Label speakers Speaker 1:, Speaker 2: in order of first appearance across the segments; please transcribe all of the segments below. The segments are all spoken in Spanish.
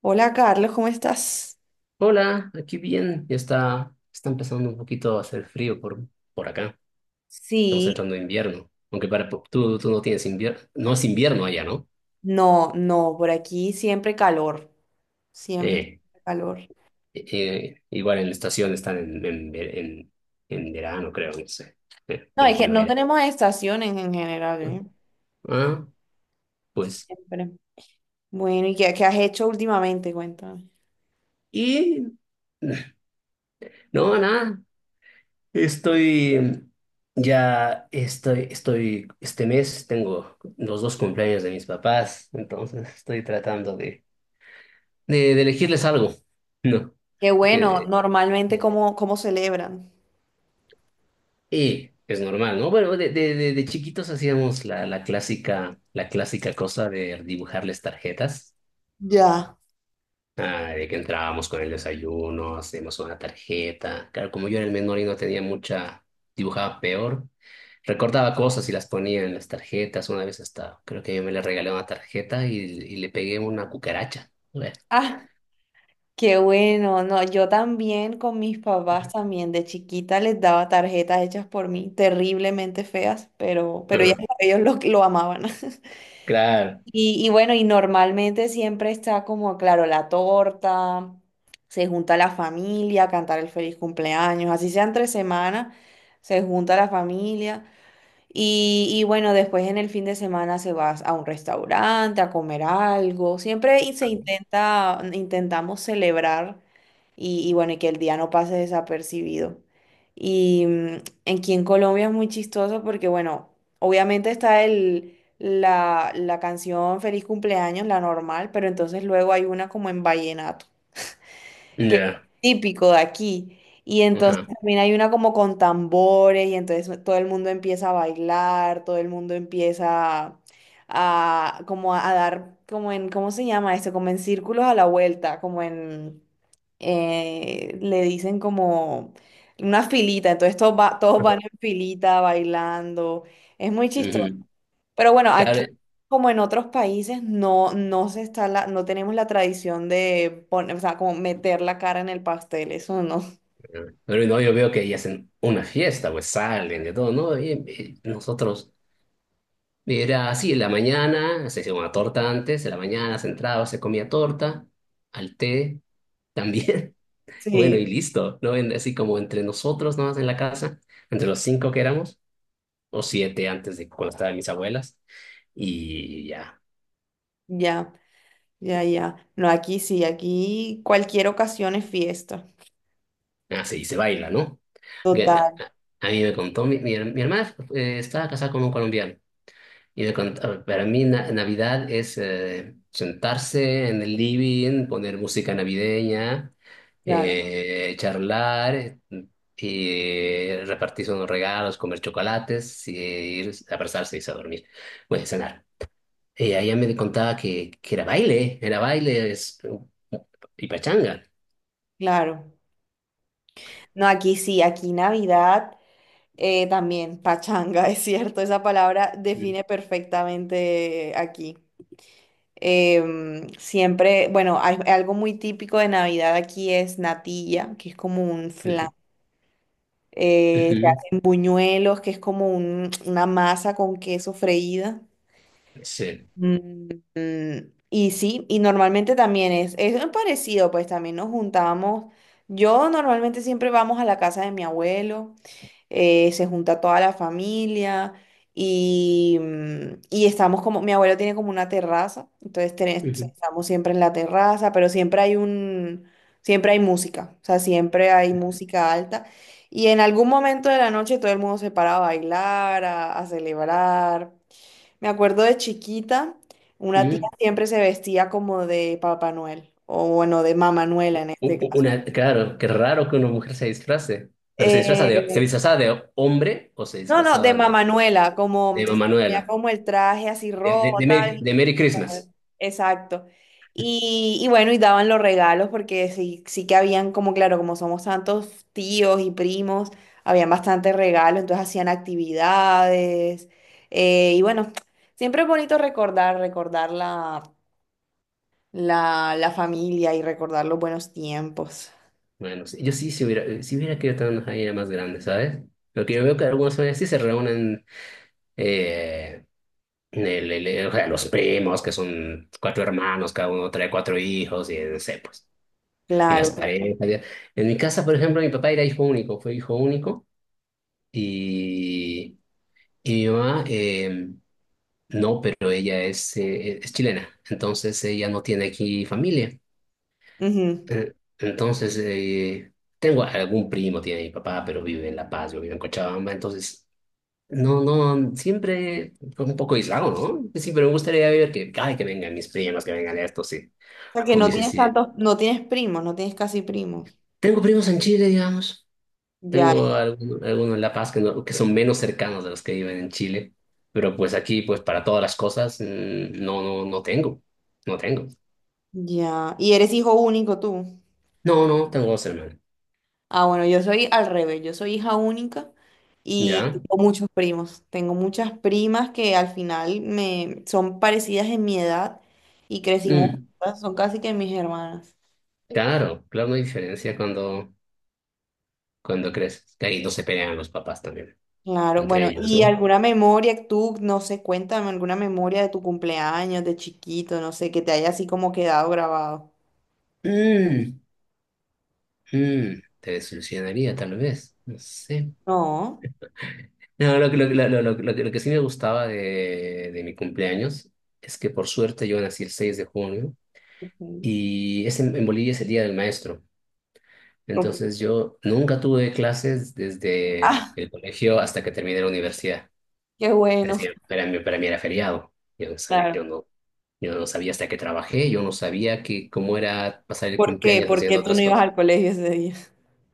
Speaker 1: Hola Carlos, ¿cómo estás?
Speaker 2: Hola, aquí bien. Está empezando un poquito a hacer frío por acá. Estamos
Speaker 1: Sí,
Speaker 2: entrando en invierno. Aunque tú no tienes invierno, no es invierno allá, ¿no?
Speaker 1: no, no, por aquí siempre calor, siempre
Speaker 2: Eh,
Speaker 1: calor.
Speaker 2: Igual en la estación están en verano, creo, no sé,
Speaker 1: No,
Speaker 2: o en
Speaker 1: es que no
Speaker 2: primavera.
Speaker 1: tenemos estaciones en general, ¿eh?
Speaker 2: Ah, pues.
Speaker 1: Siempre. Bueno, ¿y qué has hecho últimamente? Cuéntame.
Speaker 2: Y no, nada. Estoy ya estoy, estoy, Este mes tengo los dos cumpleaños de mis papás, entonces estoy tratando de elegirles algo, ¿no?
Speaker 1: Qué bueno,
Speaker 2: Porque
Speaker 1: normalmente
Speaker 2: eh,
Speaker 1: cómo celebran.
Speaker 2: y es normal, ¿no? Bueno, de chiquitos hacíamos la clásica cosa de dibujarles tarjetas.
Speaker 1: Ya.
Speaker 2: Ah, de que entrábamos con el desayuno, hacíamos una tarjeta. Claro, como yo era el menor y no tenía mucha, dibujaba peor. Recordaba cosas y las ponía en las tarjetas. Una vez hasta, creo que yo me le regalé una tarjeta y le pegué una cucaracha. Bueno.
Speaker 1: Ah, qué bueno. No, yo también con mis papás también de chiquita les daba tarjetas hechas por mí, terriblemente feas, pero, pero ellas-
Speaker 2: Ajá.
Speaker 1: ellos lo, lo amaban.
Speaker 2: Claro.
Speaker 1: Y bueno, y normalmente siempre está como, claro, la torta, se junta la familia a cantar el feliz cumpleaños, así sean 3 semanas, se junta la familia y bueno, después en el fin de semana se va a un restaurante a comer algo. Siempre y se intentamos celebrar y bueno, y que el día no pase desapercibido. Y mm, aquí en Colombia es muy chistoso porque, bueno, obviamente está la canción Feliz cumpleaños, la normal, pero entonces luego hay una como en vallenato que es
Speaker 2: Ya.
Speaker 1: típico de aquí. Y entonces
Speaker 2: Ajá.
Speaker 1: también hay una como con tambores y entonces todo el mundo empieza a bailar, todo el mundo empieza a dar, como en, ¿cómo se llama esto? Como en círculos a la vuelta, como en, le dicen como una filita, entonces todos, todos van en filita bailando. Es muy chistoso.
Speaker 2: Ujú.
Speaker 1: Pero bueno, aquí
Speaker 2: Claro,
Speaker 1: como en otros países no, no se está la, no tenemos la tradición de poner, o sea, como meter la cara en el pastel, eso no.
Speaker 2: pero no, yo veo que ellas hacen una fiesta, pues salen de todo, ¿no? Y nosotros, era así, en la mañana se hacía una torta antes, en la mañana se entraba, se comía torta, al té también, bueno, y
Speaker 1: Sí.
Speaker 2: listo, ¿no? Así como entre nosotros nomás en la casa, entre los cinco que éramos, o siete antes de cuando estaban mis abuelas, y ya,
Speaker 1: Ya, ya, ya. No, aquí sí, aquí cualquier ocasión es fiesta.
Speaker 2: así, y se baila, ¿no? Que-
Speaker 1: Total,
Speaker 2: a a mí me contó, mi hermana estaba casada con un colombiano. Y de cont- a- para mí na- Navidad es sentarse en el living, poner música navideña,
Speaker 1: claro,
Speaker 2: charlar, y repartirse unos regalos, comer chocolates, y ir a abrazarse y irse a dormir. Bueno, cenar. Y ella me contaba que era baile, y pachanga.
Speaker 1: claro. No, aquí sí, aquí Navidad también, pachanga, es cierto, esa palabra
Speaker 2: Ujú,
Speaker 1: define perfectamente aquí. Siempre, bueno, hay, algo muy típico de Navidad aquí es natilla, que es como un flan.
Speaker 2: ujú,
Speaker 1: Se
Speaker 2: ujú,
Speaker 1: hacen buñuelos, que es como una masa con queso freída.
Speaker 2: sí.
Speaker 1: Mm, y sí, y normalmente también es parecido, pues también nos juntábamos. Yo normalmente siempre vamos a la casa de mi abuelo se junta toda la familia y y estamos como, mi abuelo tiene como una terraza, entonces
Speaker 2: Ujú.
Speaker 1: estamos siempre en la terraza, pero siempre hay un, siempre hay música, o sea, siempre hay música alta. Y en algún momento de la noche todo el mundo se para a bailar, a celebrar. Me acuerdo de chiquita, una tía siempre se vestía como de Papá Noel, o bueno, de Mamá Noela en
Speaker 2: u-
Speaker 1: este
Speaker 2: u-
Speaker 1: caso.
Speaker 2: Una, claro, qué raro que una mujer se disfrace, pero se
Speaker 1: Eh,
Speaker 2: disfrazaba de hombre o se
Speaker 1: No, no, de
Speaker 2: disfrazaba de,
Speaker 1: Mamanuela, como, o
Speaker 2: de
Speaker 1: sea,
Speaker 2: mamá
Speaker 1: tenía
Speaker 2: Manuela,
Speaker 1: como el traje así
Speaker 2: de, de,
Speaker 1: rojo,
Speaker 2: de Merry,
Speaker 1: tal.
Speaker 2: de Merry Christmas.
Speaker 1: Exacto. Y bueno, y daban los regalos porque sí, sí que habían como, claro, como somos tantos tíos y primos, habían bastantes regalos, entonces hacían actividades. Y bueno, siempre es bonito recordar, recordar la, la, la familia y recordar los buenos tiempos.
Speaker 2: Bueno, sí, yo sí, si hubiera querido tener una familia más grande, ¿sabes? Lo que yo veo que algunas familias sí se reúnen, eh, en el- o sea, los primos, que son cuatro hermanos, cada uno trae cuatro hijos, y no sé, pues, y las
Speaker 1: Claro, claro.
Speaker 2: parejas. Ya. En mi casa, por ejemplo, mi papá era hijo único, fue hijo único, y, y mi mamá. No, pero ella es chilena, entonces ella no tiene aquí familia.
Speaker 1: Ujú.
Speaker 2: Entonces, tengo algún primo, tiene mi papá, pero vive en La Paz, yo vivo en Cochabamba, entonces, no, no, siempre fue un poco aislado, ¿no? Sí, pero me gustaría ver que, ay, que vengan mis primos, que vengan estos, sí,
Speaker 1: Porque no
Speaker 2: hubiese
Speaker 1: tienes
Speaker 2: sido.
Speaker 1: tantos, no tienes primos, no tienes casi primos.
Speaker 2: Tengo primos en Chile, digamos,
Speaker 1: Ya.
Speaker 2: tengo algunos en La Paz que, no- que son menos cercanos de los que viven en Chile, pero pues aquí, pues para todas las cosas, no, no, no tengo, no tengo.
Speaker 1: Ya, ¿y eres hijo único tú?
Speaker 2: No, no, tengo dos hermanos.
Speaker 1: Ah, bueno, yo soy al revés, yo soy hija única y
Speaker 2: ¿Ya?
Speaker 1: tengo muchos primos. Tengo muchas primas que al final me son parecidas en mi edad y crecimos
Speaker 2: Mm,
Speaker 1: juntas, son casi que mis hermanas.
Speaker 2: claro, claro, no hay diferencia cuando creces. Que ahí no se pelean los papás también,
Speaker 1: Claro,
Speaker 2: entre
Speaker 1: bueno,
Speaker 2: ellos,
Speaker 1: ¿y
Speaker 2: ¿no?
Speaker 1: alguna memoria tú, no sé, cuéntame alguna memoria de tu cumpleaños, de chiquito, no sé, que te haya así como quedado grabado?
Speaker 2: Mm, Te desilusionaría, tal vez. No sé.
Speaker 1: No.
Speaker 2: No, lo, que- lo, que- lo que sí me gustaba de mi cumpleaños es que por suerte yo nací el 6 de junio
Speaker 1: Ok.
Speaker 2: y en Bolivia es el Día del Maestro.
Speaker 1: Ok.
Speaker 2: Entonces yo nunca tuve clases desde
Speaker 1: Ah,
Speaker 2: el colegio hasta que terminé la universidad.
Speaker 1: qué bueno.
Speaker 2: Decía, para mí era feriado. Yo no sabía, yo
Speaker 1: Claro.
Speaker 2: no, yo no sabía hasta que trabajé, yo no sabía cómo era pasar el
Speaker 1: ¿Por qué?
Speaker 2: cumpleaños
Speaker 1: ¿Por qué
Speaker 2: haciendo
Speaker 1: tú no
Speaker 2: otras
Speaker 1: ibas
Speaker 2: cosas.
Speaker 1: al colegio ese día?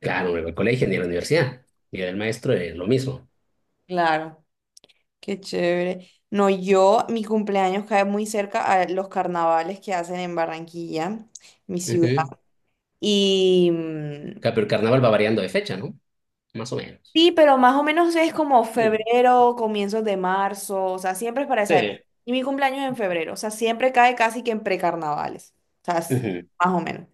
Speaker 2: Claro, no iba al colegio ni a la universidad. Y era el maestro, es lo mismo.
Speaker 1: Claro. Qué chévere. No, yo, mi cumpleaños cae muy cerca a los carnavales que hacen en Barranquilla, mi ciudad.
Speaker 2: Ujú.
Speaker 1: Y mm,
Speaker 2: Claro, pero el carnaval va variando de fecha, ¿no? Más o menos.
Speaker 1: sí, pero más o menos es como
Speaker 2: Mm,
Speaker 1: febrero, comienzos de marzo, o sea, siempre es para esa época.
Speaker 2: sí.
Speaker 1: Y mi cumpleaños es en febrero, o sea, siempre cae casi que en precarnavales, o sea,
Speaker 2: Ujú,
Speaker 1: más o menos.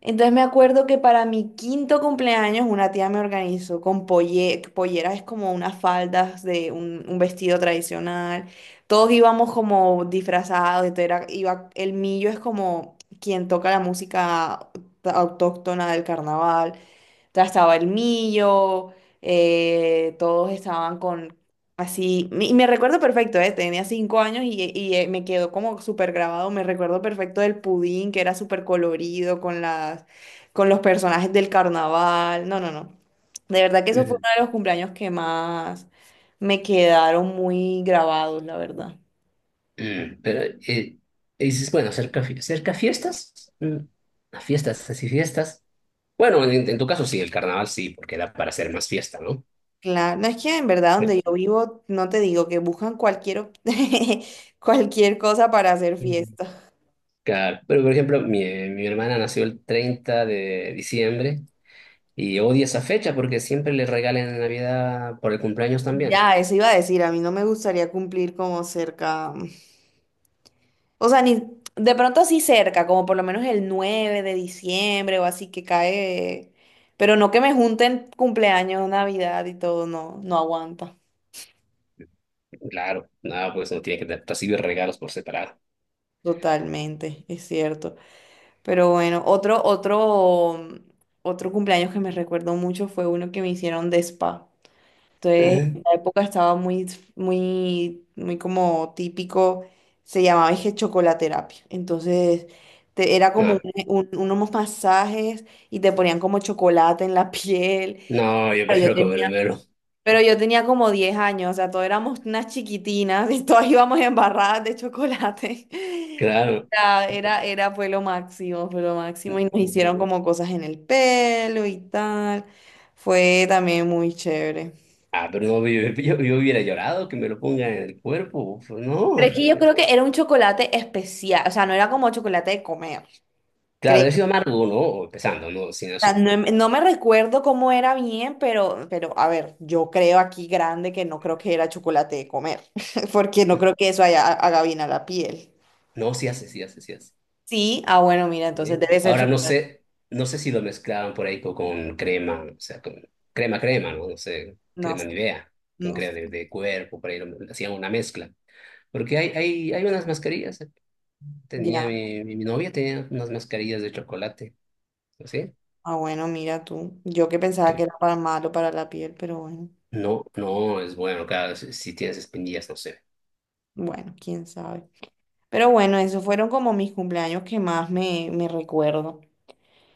Speaker 1: Entonces me acuerdo que para mi quinto cumpleaños una tía me organizó con polleras, es como unas faldas de un vestido tradicional. Todos íbamos como disfrazados, entonces iba, el millo es como quien toca la música autóctona del carnaval. O sea, estaba el millo, todos estaban con así, y me recuerdo perfecto, tenía 5 años y me quedó como súper grabado, me recuerdo perfecto del pudín que era súper colorido con las, con los personajes del carnaval, no, no, no. De verdad que eso fue
Speaker 2: ujú,
Speaker 1: uno de los cumpleaños que más me quedaron muy grabados, la verdad.
Speaker 2: ujú. Pero eh, dices, bueno, cerca, cerca fiestas, a fiestas, así fiestas. Bueno, en tu caso sí, el carnaval sí, porque da para hacer más fiesta, ¿no?
Speaker 1: Claro, no es que en verdad donde yo vivo, no te digo que buscan cualquier, cualquier cosa para hacer fiesta.
Speaker 2: Claro, pero por ejemplo, mi hermana nació el 30 de diciembre y odia esa fecha porque siempre le regalan en Navidad por el cumpleaños también.
Speaker 1: Ya, eso iba a decir, a mí no me gustaría cumplir como cerca, o sea, ni de pronto así cerca, como por lo menos el 9 de diciembre o así que cae, pero no que me junten cumpleaños, Navidad y todo, no, no aguanta.
Speaker 2: Claro, no, pues no tiene que recibir regalos por separado.
Speaker 1: Totalmente, es cierto. Pero bueno, otro cumpleaños que me recuerdo mucho fue uno que me hicieron de spa. Entonces,
Speaker 2: ¿Eh?
Speaker 1: en la época estaba muy, muy, muy como típico, se llamaba es que chocolaterapia. Entonces, era como
Speaker 2: No,
Speaker 1: unos masajes y te ponían como chocolate en la piel.
Speaker 2: no, yo
Speaker 1: Pero yo
Speaker 2: prefiero
Speaker 1: tenía,
Speaker 2: comérmelo.
Speaker 1: pero yo tenía como 10 años, o sea, todos éramos unas chiquitinas y todas íbamos embarradas de chocolate.
Speaker 2: Claro.
Speaker 1: Era, fue lo máximo, fue lo máximo. Y nos hicieron como cosas en el pelo y tal. Fue también muy chévere.
Speaker 2: Ah, pero no, yo hubiera llorado que me lo pongan en el cuerpo. Pues
Speaker 1: Pero
Speaker 2: no.
Speaker 1: es que yo creo que era un chocolate especial, o sea, no era como chocolate de comer.
Speaker 2: Claro,
Speaker 1: Creo.
Speaker 2: he sido amargo, ¿no? Empezando, ¿no? Sin
Speaker 1: No,
Speaker 2: azúcar.
Speaker 1: no me recuerdo cómo era bien, pero a ver, yo creo aquí grande que no creo que era chocolate de comer, porque no creo que eso haya, haga bien a la piel.
Speaker 2: No, sí hace, sí hace, sí hace.
Speaker 1: Sí, ah, bueno, mira, entonces
Speaker 2: Sí.
Speaker 1: debe ser
Speaker 2: Ahora no
Speaker 1: chocolate.
Speaker 2: sé, no sé si lo mezclaban por ahí con crema, o sea, con crema, ¿no? No sé,
Speaker 1: No,
Speaker 2: crema Nivea, con
Speaker 1: no,
Speaker 2: crema de cuerpo, por ahí hacían una mezcla. Porque hay unas mascarillas, ¿eh? tenía
Speaker 1: ya.
Speaker 2: mi, mi, mi novia tenía unas mascarillas de chocolate, ¿sí?
Speaker 1: Ah, bueno, mira tú. Yo que pensaba que
Speaker 2: Que
Speaker 1: era para malo para la piel, pero bueno,
Speaker 2: no, no es bueno, claro, si tienes espinillas, no sé.
Speaker 1: bueno, quién sabe. Pero bueno, esos fueron como mis cumpleaños que más me, me recuerdo.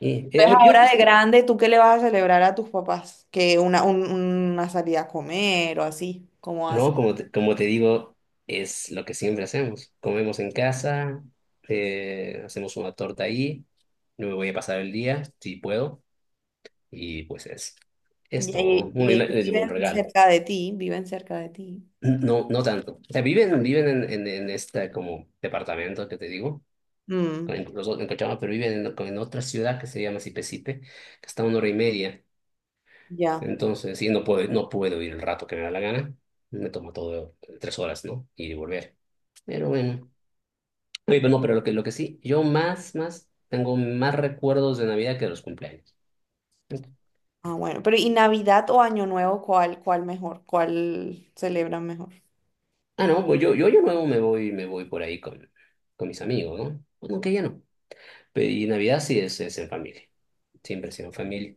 Speaker 1: Entonces,
Speaker 2: Yo
Speaker 1: ahora de
Speaker 2: sí.
Speaker 1: grande, ¿tú qué le vas a celebrar a tus papás? Que una, una salida a comer o así, ¿cómo hacen.
Speaker 2: No, como te digo, es lo que siempre hacemos. Comemos en casa, hacemos una torta ahí, me voy a pasar el día, si puedo, y pues es todo.
Speaker 1: Y
Speaker 2: Bueno, y
Speaker 1: ellos
Speaker 2: les llevo un
Speaker 1: viven
Speaker 2: regalo.
Speaker 1: cerca de ti, viven cerca de ti.
Speaker 2: No, no tanto. O sea, viven en, este como departamento que te digo,
Speaker 1: Mm,
Speaker 2: en Cochabamba, pero viven en otra ciudad que se llama Sipesipe, que está a una hora y media.
Speaker 1: ya.
Speaker 2: Entonces, sí, no puedo ir el rato que me da la gana. Me toma todo 3 horas, ¿no? Ir y volver. Pero bueno. Oye, pero no, pero lo que sí, tengo más recuerdos de Navidad que de los cumpleaños.
Speaker 1: Ah, bueno. Pero ¿y Navidad o Año Nuevo, cuál, cuál mejor? ¿Cuál celebran mejor?
Speaker 2: Ah, no, pues yo luego me voy por ahí con mis amigos, ¿no? Pues no, que ya no. Pero y Navidad sí es en familia. Siempre ha sido en familia.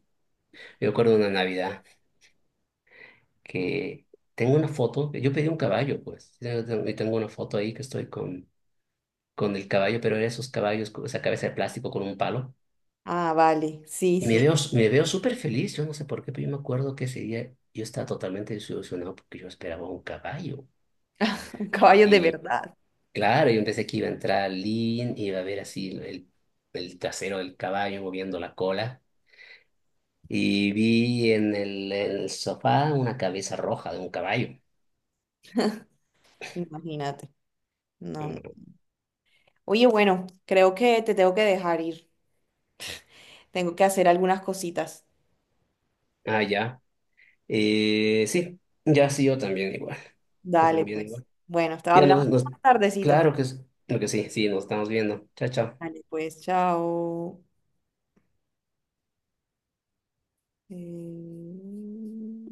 Speaker 2: Yo recuerdo una Navidad que tengo una foto, yo pedí un caballo, pues. Yo tengo una foto ahí que estoy con el caballo, pero era esos caballos, con esa cabeza de plástico con un palo.
Speaker 1: Ah, vale. Sí,
Speaker 2: Y me
Speaker 1: sí.
Speaker 2: veo, me veo súper feliz, yo no sé por qué, pero yo me acuerdo que ese día yo estaba totalmente desilusionado porque yo esperaba un caballo.
Speaker 1: Caballos de
Speaker 2: Y
Speaker 1: verdad.
Speaker 2: claro, yo pensé que iba a entrar Lin, iba a ver así el trasero del caballo moviendo la cola. Y vi en el sofá una cabeza roja de un caballo.
Speaker 1: Imagínate. No, no.
Speaker 2: Mm,
Speaker 1: Oye, bueno, creo que te tengo que dejar ir. Tengo que hacer algunas cositas.
Speaker 2: ah, ya. Sí, ya sí, yo también igual. Yo
Speaker 1: Dale,
Speaker 2: también
Speaker 1: pues.
Speaker 2: igual.
Speaker 1: Bueno, hasta
Speaker 2: Ya,
Speaker 1: hablamos
Speaker 2: nos, nos,
Speaker 1: más tardecito.
Speaker 2: claro que, es- creo que sí, sí, nos estamos viendo. Chao, chao.
Speaker 1: Vale, pues chao. Eh,